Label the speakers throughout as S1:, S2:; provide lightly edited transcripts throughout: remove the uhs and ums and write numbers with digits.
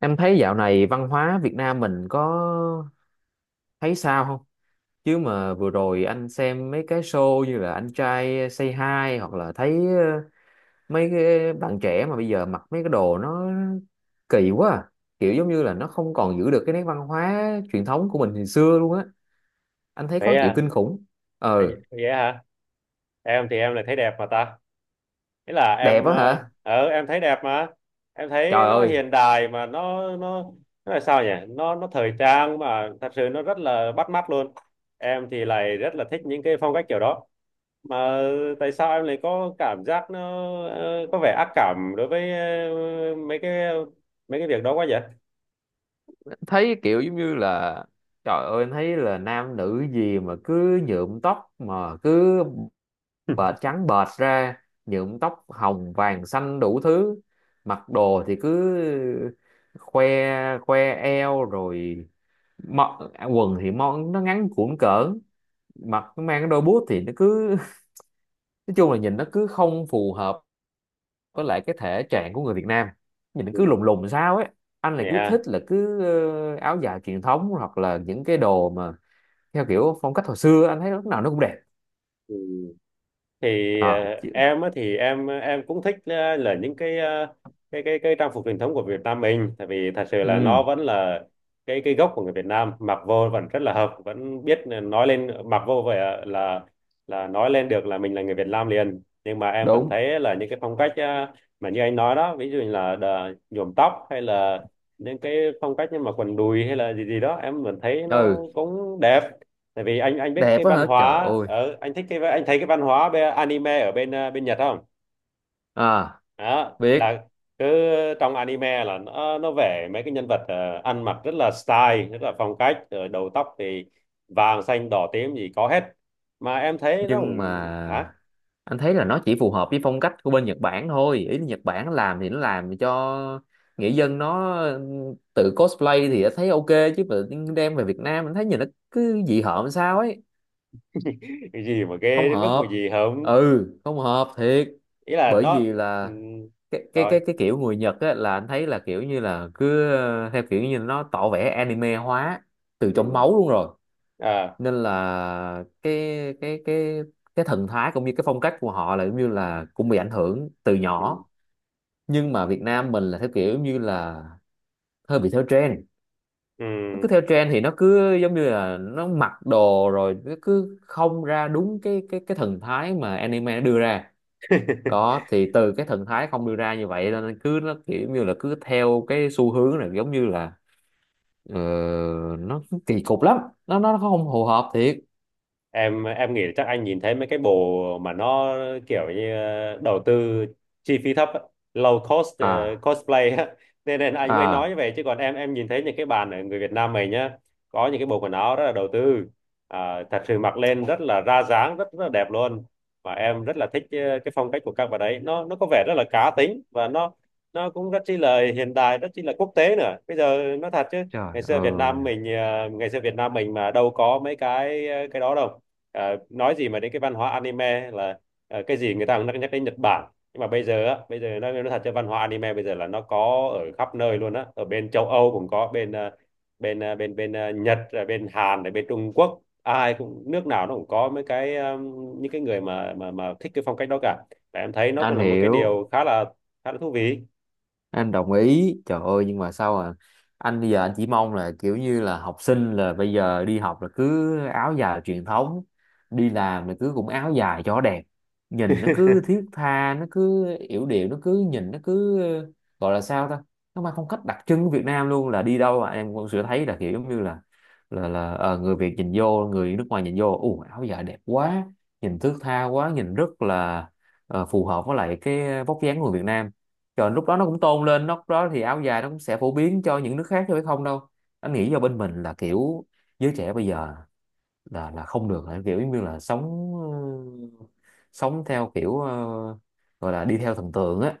S1: Em thấy dạo này văn hóa Việt Nam mình có thấy sao không? Chứ mà vừa rồi anh xem mấy cái show như là Anh trai Say Hi hoặc là thấy mấy cái bạn trẻ mà bây giờ mặc mấy cái đồ nó kỳ quá à. Kiểu giống như là nó không còn giữ được cái nét văn hóa truyền thống của mình hồi xưa luôn á. Anh thấy
S2: Vậy
S1: khó chịu
S2: à?
S1: kinh khủng.
S2: Anh
S1: Ờ,
S2: vậy hả? Em thì em lại thấy đẹp mà ta. Thế là
S1: đẹp
S2: em
S1: á hả?
S2: em thấy đẹp mà. Em thấy
S1: Trời
S2: nó
S1: ơi,
S2: hiện đại mà nó nó là sao nhỉ, nó thời trang mà thật sự nó rất là bắt mắt luôn. Em thì lại rất là thích những cái phong cách kiểu đó mà. Tại sao em lại có cảm giác nó có vẻ ác cảm đối với ờ, mấy cái mấy cái việc đó quá vậy?
S1: thấy kiểu giống như là trời ơi em thấy là nam nữ gì mà cứ nhuộm tóc mà cứ bệt trắng bệt ra, nhuộm tóc hồng vàng xanh đủ thứ, mặc đồ thì cứ khoe, khoe eo rồi mọ- quần thì món nó ngắn cũn cỡn, mặc nó mang cái đôi boot thì nó cứ nói chung là nhìn nó cứ không phù hợp với lại cái thể trạng của người Việt Nam, nhìn nó cứ
S2: Ừ.
S1: lùng lùng sao ấy. Anh lại
S2: Vậy
S1: cứ thích
S2: ha.
S1: là cứ áo dài truyền thống hoặc là những cái đồ mà theo kiểu phong cách hồi xưa, anh thấy lúc nào nó cũng đẹp.
S2: Ừ. Thì
S1: À chứ
S2: em á thì em cũng thích là những cái cái trang phục truyền thống của Việt Nam mình, tại vì thật sự là nó
S1: ừ,
S2: vẫn là cái gốc của người Việt Nam, mặc vô vẫn rất là hợp, vẫn biết nói lên, mặc vô vậy là là nói lên được là mình là người Việt Nam liền. Nhưng mà em vẫn
S1: đúng,
S2: thấy là những cái phong cách mà như anh nói đó, ví dụ như là nhuộm tóc hay là những cái phong cách như mà quần đùi hay là gì gì đó, em vẫn thấy nó
S1: ừ,
S2: cũng đẹp. Tại vì anh biết
S1: đẹp
S2: cái
S1: quá
S2: văn
S1: hả trời
S2: hóa
S1: ơi.
S2: ở, anh thích cái, anh thấy cái văn hóa bên, anime ở bên bên Nhật không?
S1: À,
S2: Đó
S1: biết.
S2: là cứ, trong anime là nó vẽ mấy cái nhân vật ăn mặc rất là style, rất là phong cách, rồi đầu tóc thì vàng xanh đỏ tím gì có hết mà em thấy nó
S1: Nhưng
S2: cũng hả.
S1: mà anh thấy là nó chỉ phù hợp với phong cách của bên Nhật Bản thôi. Ý là Nhật Bản làm thì nó làm cho nghệ dân nó tự cosplay thì đã thấy ok, chứ mà đem về Việt Nam anh thấy nhìn nó cứ dị hợm làm sao ấy,
S2: Cái gì mà ghê
S1: không
S2: đến mức mà
S1: hợp.
S2: gì không?
S1: Ừ, không hợp thiệt.
S2: Ý là
S1: Bởi
S2: nó,
S1: vì
S2: ừ,
S1: là cái cái
S2: rồi,
S1: cái cái kiểu người Nhật á là anh thấy là kiểu như là cứ theo kiểu như nó tỏ vẻ anime hóa từ trong
S2: ừ,
S1: máu luôn rồi.
S2: à,
S1: Nên là cái cái thần thái cũng như cái phong cách của họ là giống như là cũng bị ảnh hưởng từ
S2: ừ,
S1: nhỏ, nhưng mà Việt Nam mình là theo kiểu như là hơi bị theo trend,
S2: Ừ.
S1: nó cứ theo trend thì nó cứ giống như là nó mặc đồ rồi nó cứ không ra đúng cái thần thái mà anime nó đưa ra đó, thì từ cái thần thái không đưa ra như vậy nên cứ nó kiểu như là cứ theo cái xu hướng này giống như là ờ, nó kỳ cục lắm, nó không phù hợp thiệt.
S2: Em nghĩ là chắc anh nhìn thấy mấy cái bộ mà nó kiểu như đầu tư chi phí thấp á, low cost
S1: À
S2: cosplay á nên nên anh mới nói như
S1: à,
S2: vậy. Chứ còn em nhìn thấy những cái bạn ở người Việt Nam mình nhá, có những cái bộ quần áo rất là đầu tư, à, thật sự mặc lên rất là ra dáng, rất rất là đẹp luôn. Và em rất là thích cái phong cách của các bạn ấy, nó có vẻ rất là cá tính và nó cũng rất chi là hiện đại, rất chi là quốc tế nữa. Bây giờ nó thật chứ
S1: trời
S2: ngày xưa Việt
S1: ơi,
S2: Nam mình ngày xưa Việt Nam mình mà đâu có mấy cái cái đó đâu. Ờ, nói gì mà đến cái văn hóa anime là cái gì người ta cũng nhắc đến Nhật Bản. Nhưng mà bây giờ á, bây giờ nó thật cho văn hóa anime bây giờ là nó có ở khắp nơi luôn á. Ở bên châu Âu cũng có, bên bên bên bên Nhật, rồi bên Hàn, rồi bên Trung Quốc, ai cũng, nước nào nó cũng có mấy cái những cái người mà thích cái phong cách đó cả. Và em thấy nó cũng
S1: anh
S2: là một cái
S1: hiểu.
S2: điều khá là thú vị.
S1: Anh đồng ý trời ơi, nhưng mà sao à, anh bây giờ anh chỉ mong là kiểu như là học sinh là bây giờ đi học là cứ áo dài truyền thống, đi làm là cứ cũng áo dài cho đẹp, nhìn nó cứ thiết tha, nó cứ yểu điệu, nó cứ nhìn nó cứ gọi là sao ta, nó mang phong cách đặc trưng của Việt Nam luôn, là đi đâu mà em cũng sẽ thấy là kiểu giống như là người Việt nhìn vô, người nước ngoài nhìn vô ù áo dài đẹp quá, nhìn thước tha quá, nhìn rất là phù hợp với lại cái vóc dáng của người Việt Nam. Trời lúc đó nó cũng tôn lên, lúc đó thì áo dài nó cũng sẽ phổ biến cho những nước khác chứ phải không đâu. Anh nghĩ do bên mình là kiểu giới trẻ bây giờ là không được, là kiểu giống như là sống, ừ, sống theo kiểu gọi là đi theo thần tượng á,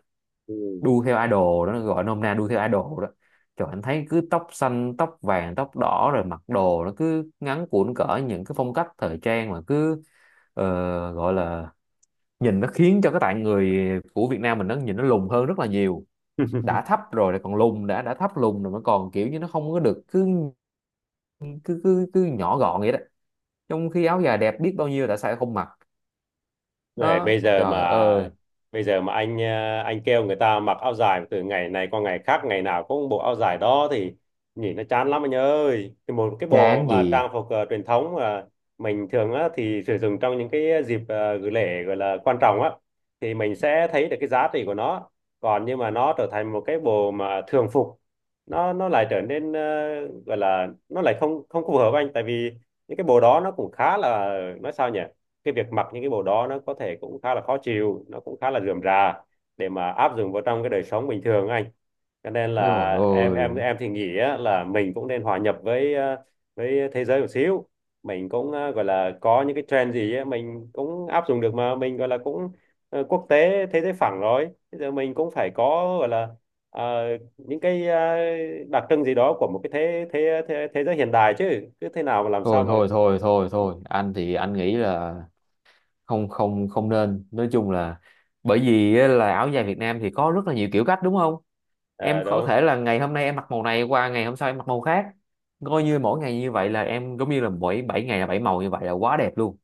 S2: Ừ.
S1: đu theo idol đó, nó gọi nôm na đu theo idol đó. Trời anh thấy cứ tóc xanh tóc vàng tóc đỏ rồi mặc đồ nó cứ ngắn cũn cỡ, những cái phong cách thời trang mà cứ ờ, gọi là nhìn nó khiến cho cái tạng người của Việt Nam mình nó nhìn nó lùn hơn rất là nhiều, đã thấp rồi lại còn lùn, đã thấp lùn rồi mà còn kiểu như nó không có được cứ cứ nhỏ gọn vậy đó, trong khi áo dài đẹp biết bao nhiêu đã sao không mặc.
S2: Này,
S1: Đó
S2: bây giờ
S1: trời
S2: mà,
S1: ơi,
S2: bây giờ mà anh anh kêu người ta mặc áo dài từ ngày này qua ngày khác, ngày nào cũng bộ áo dài đó thì nhìn nó chán lắm anh ơi. Thì một cái bộ
S1: chán
S2: mà
S1: gì,
S2: trang phục truyền thống mà mình thường á, thì sử dụng trong những cái dịp gửi lễ gọi là quan trọng á, thì mình sẽ thấy được cái giá trị của nó. Còn nhưng mà nó trở thành một cái bộ mà thường phục, nó lại trở nên gọi là, nó lại không, không phù hợp anh. Tại vì những cái bộ đó nó cũng khá là, nói sao nhỉ, cái việc mặc những cái bộ đó nó có thể cũng khá là khó chịu, nó cũng khá là rườm rà để mà áp dụng vào trong cái đời sống bình thường á anh. Cho nên
S1: rồi
S2: là em em
S1: ôi,
S2: em thì nghĩ á, là mình cũng nên hòa nhập với với thế giới một xíu. Mình cũng gọi là có những cái trend gì á, mình cũng áp dụng được, mà mình gọi là cũng quốc tế, thế giới phẳng rồi, bây giờ mình cũng phải có, gọi là, ờ, những cái đặc trưng gì đó của một cái thế thế thế thế giới hiện đại, chứ cứ thế nào mà làm sao
S1: thôi
S2: mà.
S1: thôi thôi thôi thôi anh thì anh nghĩ là không không không nên, nói chung là bởi vì á, là áo dài Việt Nam thì có rất là nhiều kiểu cách đúng không? Em
S2: Ờ,
S1: có
S2: đúng.
S1: thể là ngày hôm nay em mặc màu này, qua ngày hôm sau em mặc màu khác, coi như mỗi ngày như vậy là em giống như là mỗi 7 ngày là 7 màu, như vậy là quá đẹp luôn.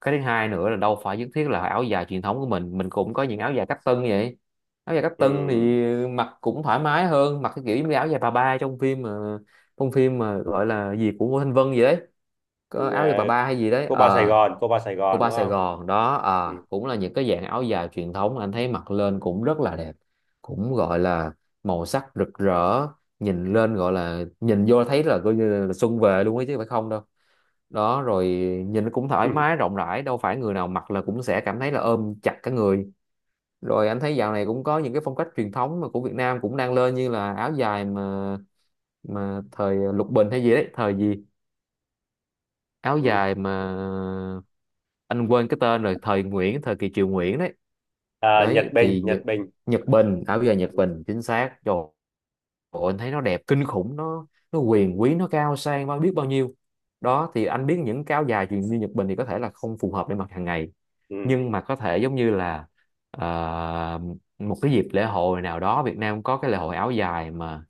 S1: Cái thứ hai nữa là đâu phải nhất thiết là áo dài truyền thống của mình cũng có những áo dài cách tân như vậy, áo dài cách tân
S2: Ừ.
S1: thì mặc cũng thoải mái hơn mặc cái kiểu như áo dài bà ba trong phim mà, trong phim mà gọi là gì của Ngô Thanh Vân gì đấy, có
S2: Ờ,
S1: áo dài bà ba hay gì đấy
S2: cô ba Sài
S1: ờ,
S2: Gòn, cô ba Sài
S1: của
S2: Gòn
S1: ba
S2: đúng
S1: Sài
S2: không?
S1: Gòn đó,
S2: Ừ.
S1: ờ cũng là những cái dạng áo dài truyền thống, anh thấy mặc lên cũng rất là đẹp, cũng gọi là màu sắc rực rỡ, nhìn lên gọi là nhìn vô thấy là coi như là xuân về luôn ấy chứ phải không đâu, đó rồi, nhìn cũng thoải
S2: Ừ.
S1: mái rộng rãi, đâu phải người nào mặc là cũng sẽ cảm thấy là ôm chặt cả người. Rồi anh thấy dạo này cũng có những cái phong cách truyền thống mà của Việt Nam cũng đang lên như là áo dài mà thời Lục Bình hay gì đấy, thời gì áo
S2: Ừ.
S1: dài mà anh quên cái tên rồi, thời Nguyễn, thời kỳ Triều Nguyễn đấy,
S2: À, Nhật
S1: đấy
S2: Bình,
S1: thì Nhật
S2: Nhật Bình.
S1: Nhật Bình, áo dài Nhật
S2: Ừ.
S1: Bình chính xác rồi. Ủa, anh thấy nó đẹp kinh khủng, nó quyền quý, nó cao sang bao biết bao nhiêu. Đó thì anh biết những cái áo dài truyền như Nhật Bình thì có thể là không phù hợp để mặc hàng ngày,
S2: Ừ.
S1: nhưng mà có thể giống như là ờ, một cái dịp lễ hội nào đó, Việt Nam có cái lễ hội áo dài mà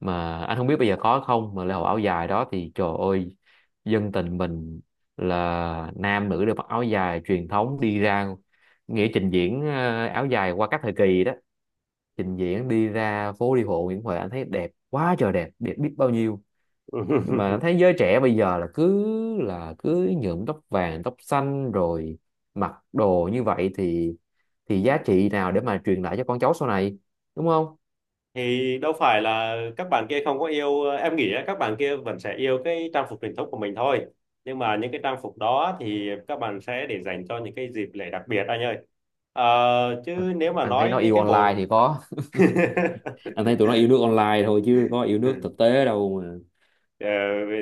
S1: mà anh không biết bây giờ có không, mà lễ hội áo dài đó thì trời ơi, dân tình mình là nam nữ đều mặc áo dài truyền thống đi ra, nghĩa trình diễn áo dài qua các thời kỳ đó, trình diễn đi ra phố đi bộ Nguyễn Huệ anh thấy đẹp quá trời đẹp, đẹp biết bao nhiêu. Nhưng mà anh thấy giới trẻ bây giờ là cứ nhuộm tóc vàng tóc xanh rồi mặc đồ như vậy thì giá trị nào để mà truyền lại cho con cháu sau này, đúng không?
S2: Thì đâu phải là các bạn kia không có yêu. Em nghĩ á, các bạn kia vẫn sẽ yêu cái trang phục truyền thống của mình thôi. Nhưng mà những cái trang phục đó thì các bạn sẽ để dành cho những cái dịp lễ đặc biệt anh ơi. Ờ, chứ nếu mà
S1: Anh thấy
S2: nói
S1: nó
S2: đến
S1: yêu
S2: cái
S1: online
S2: bộ.
S1: thì có. Anh thấy tụi nó yêu nước online thôi chứ có yêu nước thực tế đâu mà.
S2: Ờ,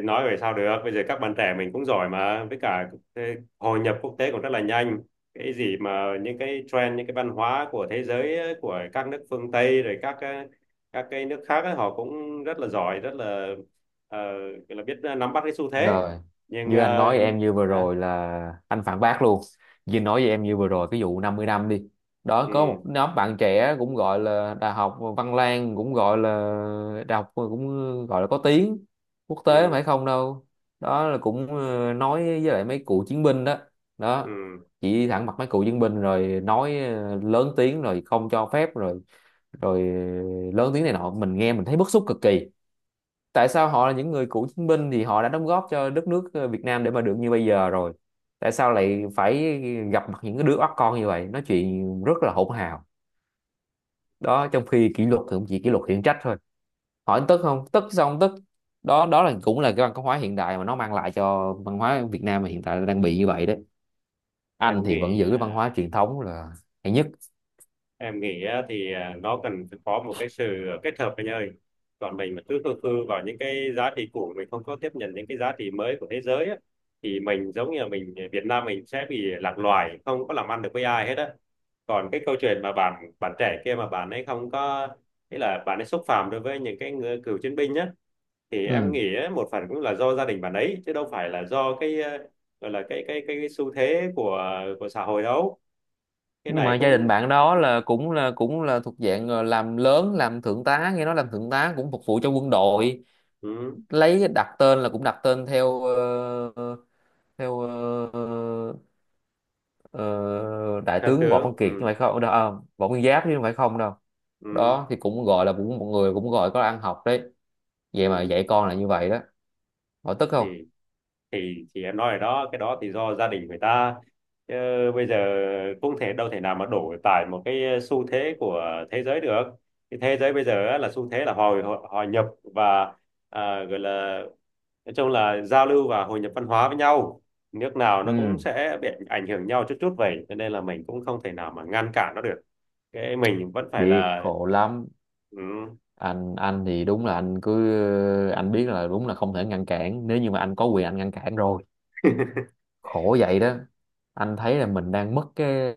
S2: nói về sao được, bây giờ các bạn trẻ mình cũng giỏi mà, với cả hội nhập quốc tế cũng rất là nhanh. Cái gì mà những cái trend, những cái văn hóa của thế giới ấy, của các nước phương Tây, rồi các cái nước khác ấy, họ cũng rất là giỏi, rất là ờ, gọi là biết nắm bắt cái xu thế.
S1: Rồi,
S2: Nhưng
S1: như anh nói em như vừa
S2: hả?
S1: rồi là anh phản bác luôn. Như nói với em như vừa rồi cái vụ 50 năm đi. Đó có
S2: Ừ,
S1: một nhóm bạn trẻ cũng gọi là Đại học Văn Lang cũng gọi là đại học cũng gọi là có tiếng quốc tế mà
S2: ừ,
S1: phải không đâu. Đó là cũng nói với lại mấy cựu chiến binh đó.
S2: ừ.
S1: Đó. Chỉ thẳng mặt mấy cựu chiến binh rồi nói lớn tiếng rồi không cho phép rồi, rồi lớn tiếng này nọ, mình nghe mình thấy bức xúc cực kỳ, tại sao họ là những người cựu chiến binh thì họ đã đóng góp cho đất nước Việt Nam để mà được như bây giờ rồi, tại sao lại phải gặp mặt những cái đứa oắt con như vậy nói chuyện rất là hỗn hào, đó trong khi kỷ luật thì cũng chỉ kỷ luật khiển trách thôi, hỏi tức không, tức sao không tức, đó đó là cũng là cái văn hóa hiện đại mà nó mang lại cho văn hóa Việt Nam mà hiện tại đang bị như vậy đấy. Anh
S2: em
S1: thì vẫn
S2: nghĩ
S1: giữ cái văn
S2: ờ,
S1: hóa truyền thống là hay nhất.
S2: em nghĩ á, thì à, nó cần phải có một cái sự kết hợp anh ơi. Còn mình mà cứ khư khư vào những cái giá trị cũ, mình không có tiếp nhận những cái giá trị mới của thế giới á, thì mình giống như là mình, à, Việt Nam mình sẽ bị lạc loài, không có làm ăn được với ai hết á. Còn cái câu chuyện mà bạn bạn trẻ kia mà bạn ấy không có, nghĩa là bạn ấy xúc phạm đối với những cái người cựu chiến binh nhá, thì em
S1: Ừ.
S2: nghĩ á, một phần cũng là do gia đình bạn ấy, chứ đâu phải là do cái à, gọi là cái cái xu thế của à, của xã hội đâu. Cái
S1: Nhưng mà
S2: này
S1: gia đình
S2: cũng,
S1: bạn đó là cũng là thuộc dạng làm lớn, làm thượng tá, nghe nói làm thượng tá cũng phục vụ cho quân đội,
S2: ừ,
S1: lấy đặt tên là cũng đặt tên theo theo ờ, ờ, đại
S2: theo
S1: tướng Võ Văn
S2: tướng,
S1: Kiệt chứ không
S2: ừ,
S1: phải không đâu à, Võ Nguyên Giáp chứ không phải không đâu,
S2: ừ,
S1: đó thì cũng gọi là cũng mọi người cũng gọi có ăn học đấy, vậy mà
S2: ừ.
S1: dạy con là như vậy đó, hỏi tức không.
S2: thì thì em nói rồi đó, cái đó thì do gia đình người ta. Chứ bây giờ cũng thể đâu, thể nào mà đổ tại một cái xu thế của thế giới được. Cái thế giới bây giờ á, là xu thế là hồi hội nhập và à, gọi là, nói chung là giao lưu và hội nhập văn hóa với nhau. Nước nào nó cũng
S1: Ừ,
S2: sẽ bị ảnh hưởng nhau chút chút vậy, cho nên là mình cũng không thể nào mà ngăn cản nó được. Cái mình vẫn phải
S1: biết
S2: là,
S1: khổ lắm.
S2: ừ,
S1: Anh thì đúng là anh cứ anh biết là đúng là không thể ngăn cản, nếu như mà anh có quyền anh ngăn cản rồi, khổ vậy đó. Anh thấy là mình đang mất cái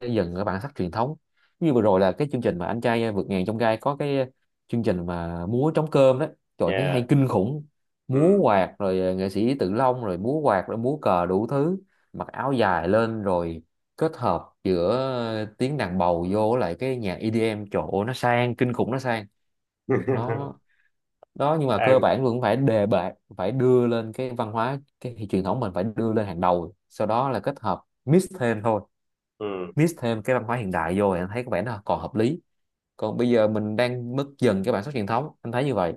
S1: xây dựng ở bản sắc truyền thống, như vừa rồi là cái chương trình mà anh trai vượt ngàn chông gai có cái chương trình mà múa trống cơm đó, trời thấy
S2: yeah,
S1: hay kinh khủng, múa
S2: ừ.
S1: quạt rồi nghệ sĩ Tự Long rồi múa quạt rồi múa cờ đủ thứ, mặc áo dài lên rồi kết hợp giữa tiếng đàn bầu vô lại cái nhạc EDM chỗ nó sang kinh khủng, nó, đó, nhưng mà cơ
S2: Em,
S1: bản vẫn phải đề bạt, phải đưa lên cái văn hóa cái truyền thống mình phải đưa lên hàng đầu, sau đó là kết hợp mix thêm thôi,
S2: ừ.
S1: mix thêm cái văn hóa hiện đại vô thì anh thấy có vẻ nó còn hợp lý, còn bây giờ mình đang mất dần cái bản sắc truyền thống anh thấy như vậy.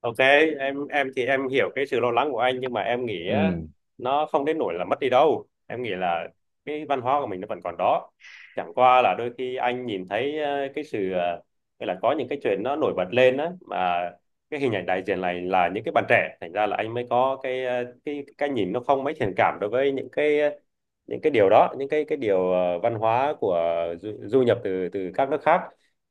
S2: Ok, em thì em hiểu cái sự lo lắng của anh, nhưng mà em nghĩ á,
S1: Ừ,
S2: nó không đến nỗi là mất đi đâu. Em nghĩ là cái văn hóa của mình nó vẫn còn đó. Chẳng qua là đôi khi anh nhìn thấy cái sự hay là có những cái chuyện nó nổi bật lên á, mà cái hình ảnh đại diện này là những cái bạn trẻ, thành ra là anh mới có cái cái nhìn nó không mấy thiện cảm đối với những cái những cái điều đó, những cái điều văn hóa của du, du nhập từ từ các nước khác.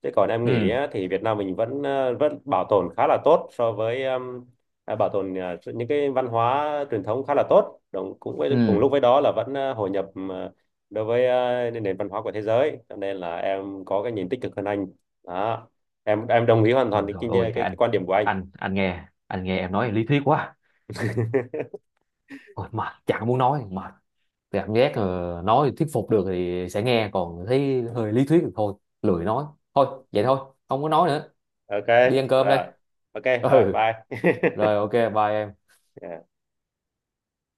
S2: Chứ còn em nghĩ
S1: ừ,
S2: á, thì Việt Nam mình vẫn vẫn bảo tồn khá là tốt so với à, bảo tồn những cái văn hóa truyền thống khá là tốt. Đồng, cũng
S1: ừ,
S2: với, cùng lúc với đó là vẫn hội nhập đối với nền văn hóa của thế giới. Cho nên là em có cái nhìn tích cực hơn anh. Đó. Em đồng ý hoàn toàn
S1: rồi
S2: cái,
S1: rồi ôi
S2: cái, cái,
S1: anh,
S2: quan điểm của anh.
S1: anh nghe anh nghe em nói lý thuyết quá, ôi mệt chẳng muốn nói, mệt, cảm giác nói thuyết phục được thì sẽ nghe, còn thấy hơi lý thuyết thì thôi, lười nói, thôi vậy thôi, không có nói nữa,
S2: Ok,
S1: đi ăn cơm đây.
S2: rồi. Ok, rồi,
S1: Ừ,
S2: bye.
S1: rồi ok bye em.
S2: Yeah.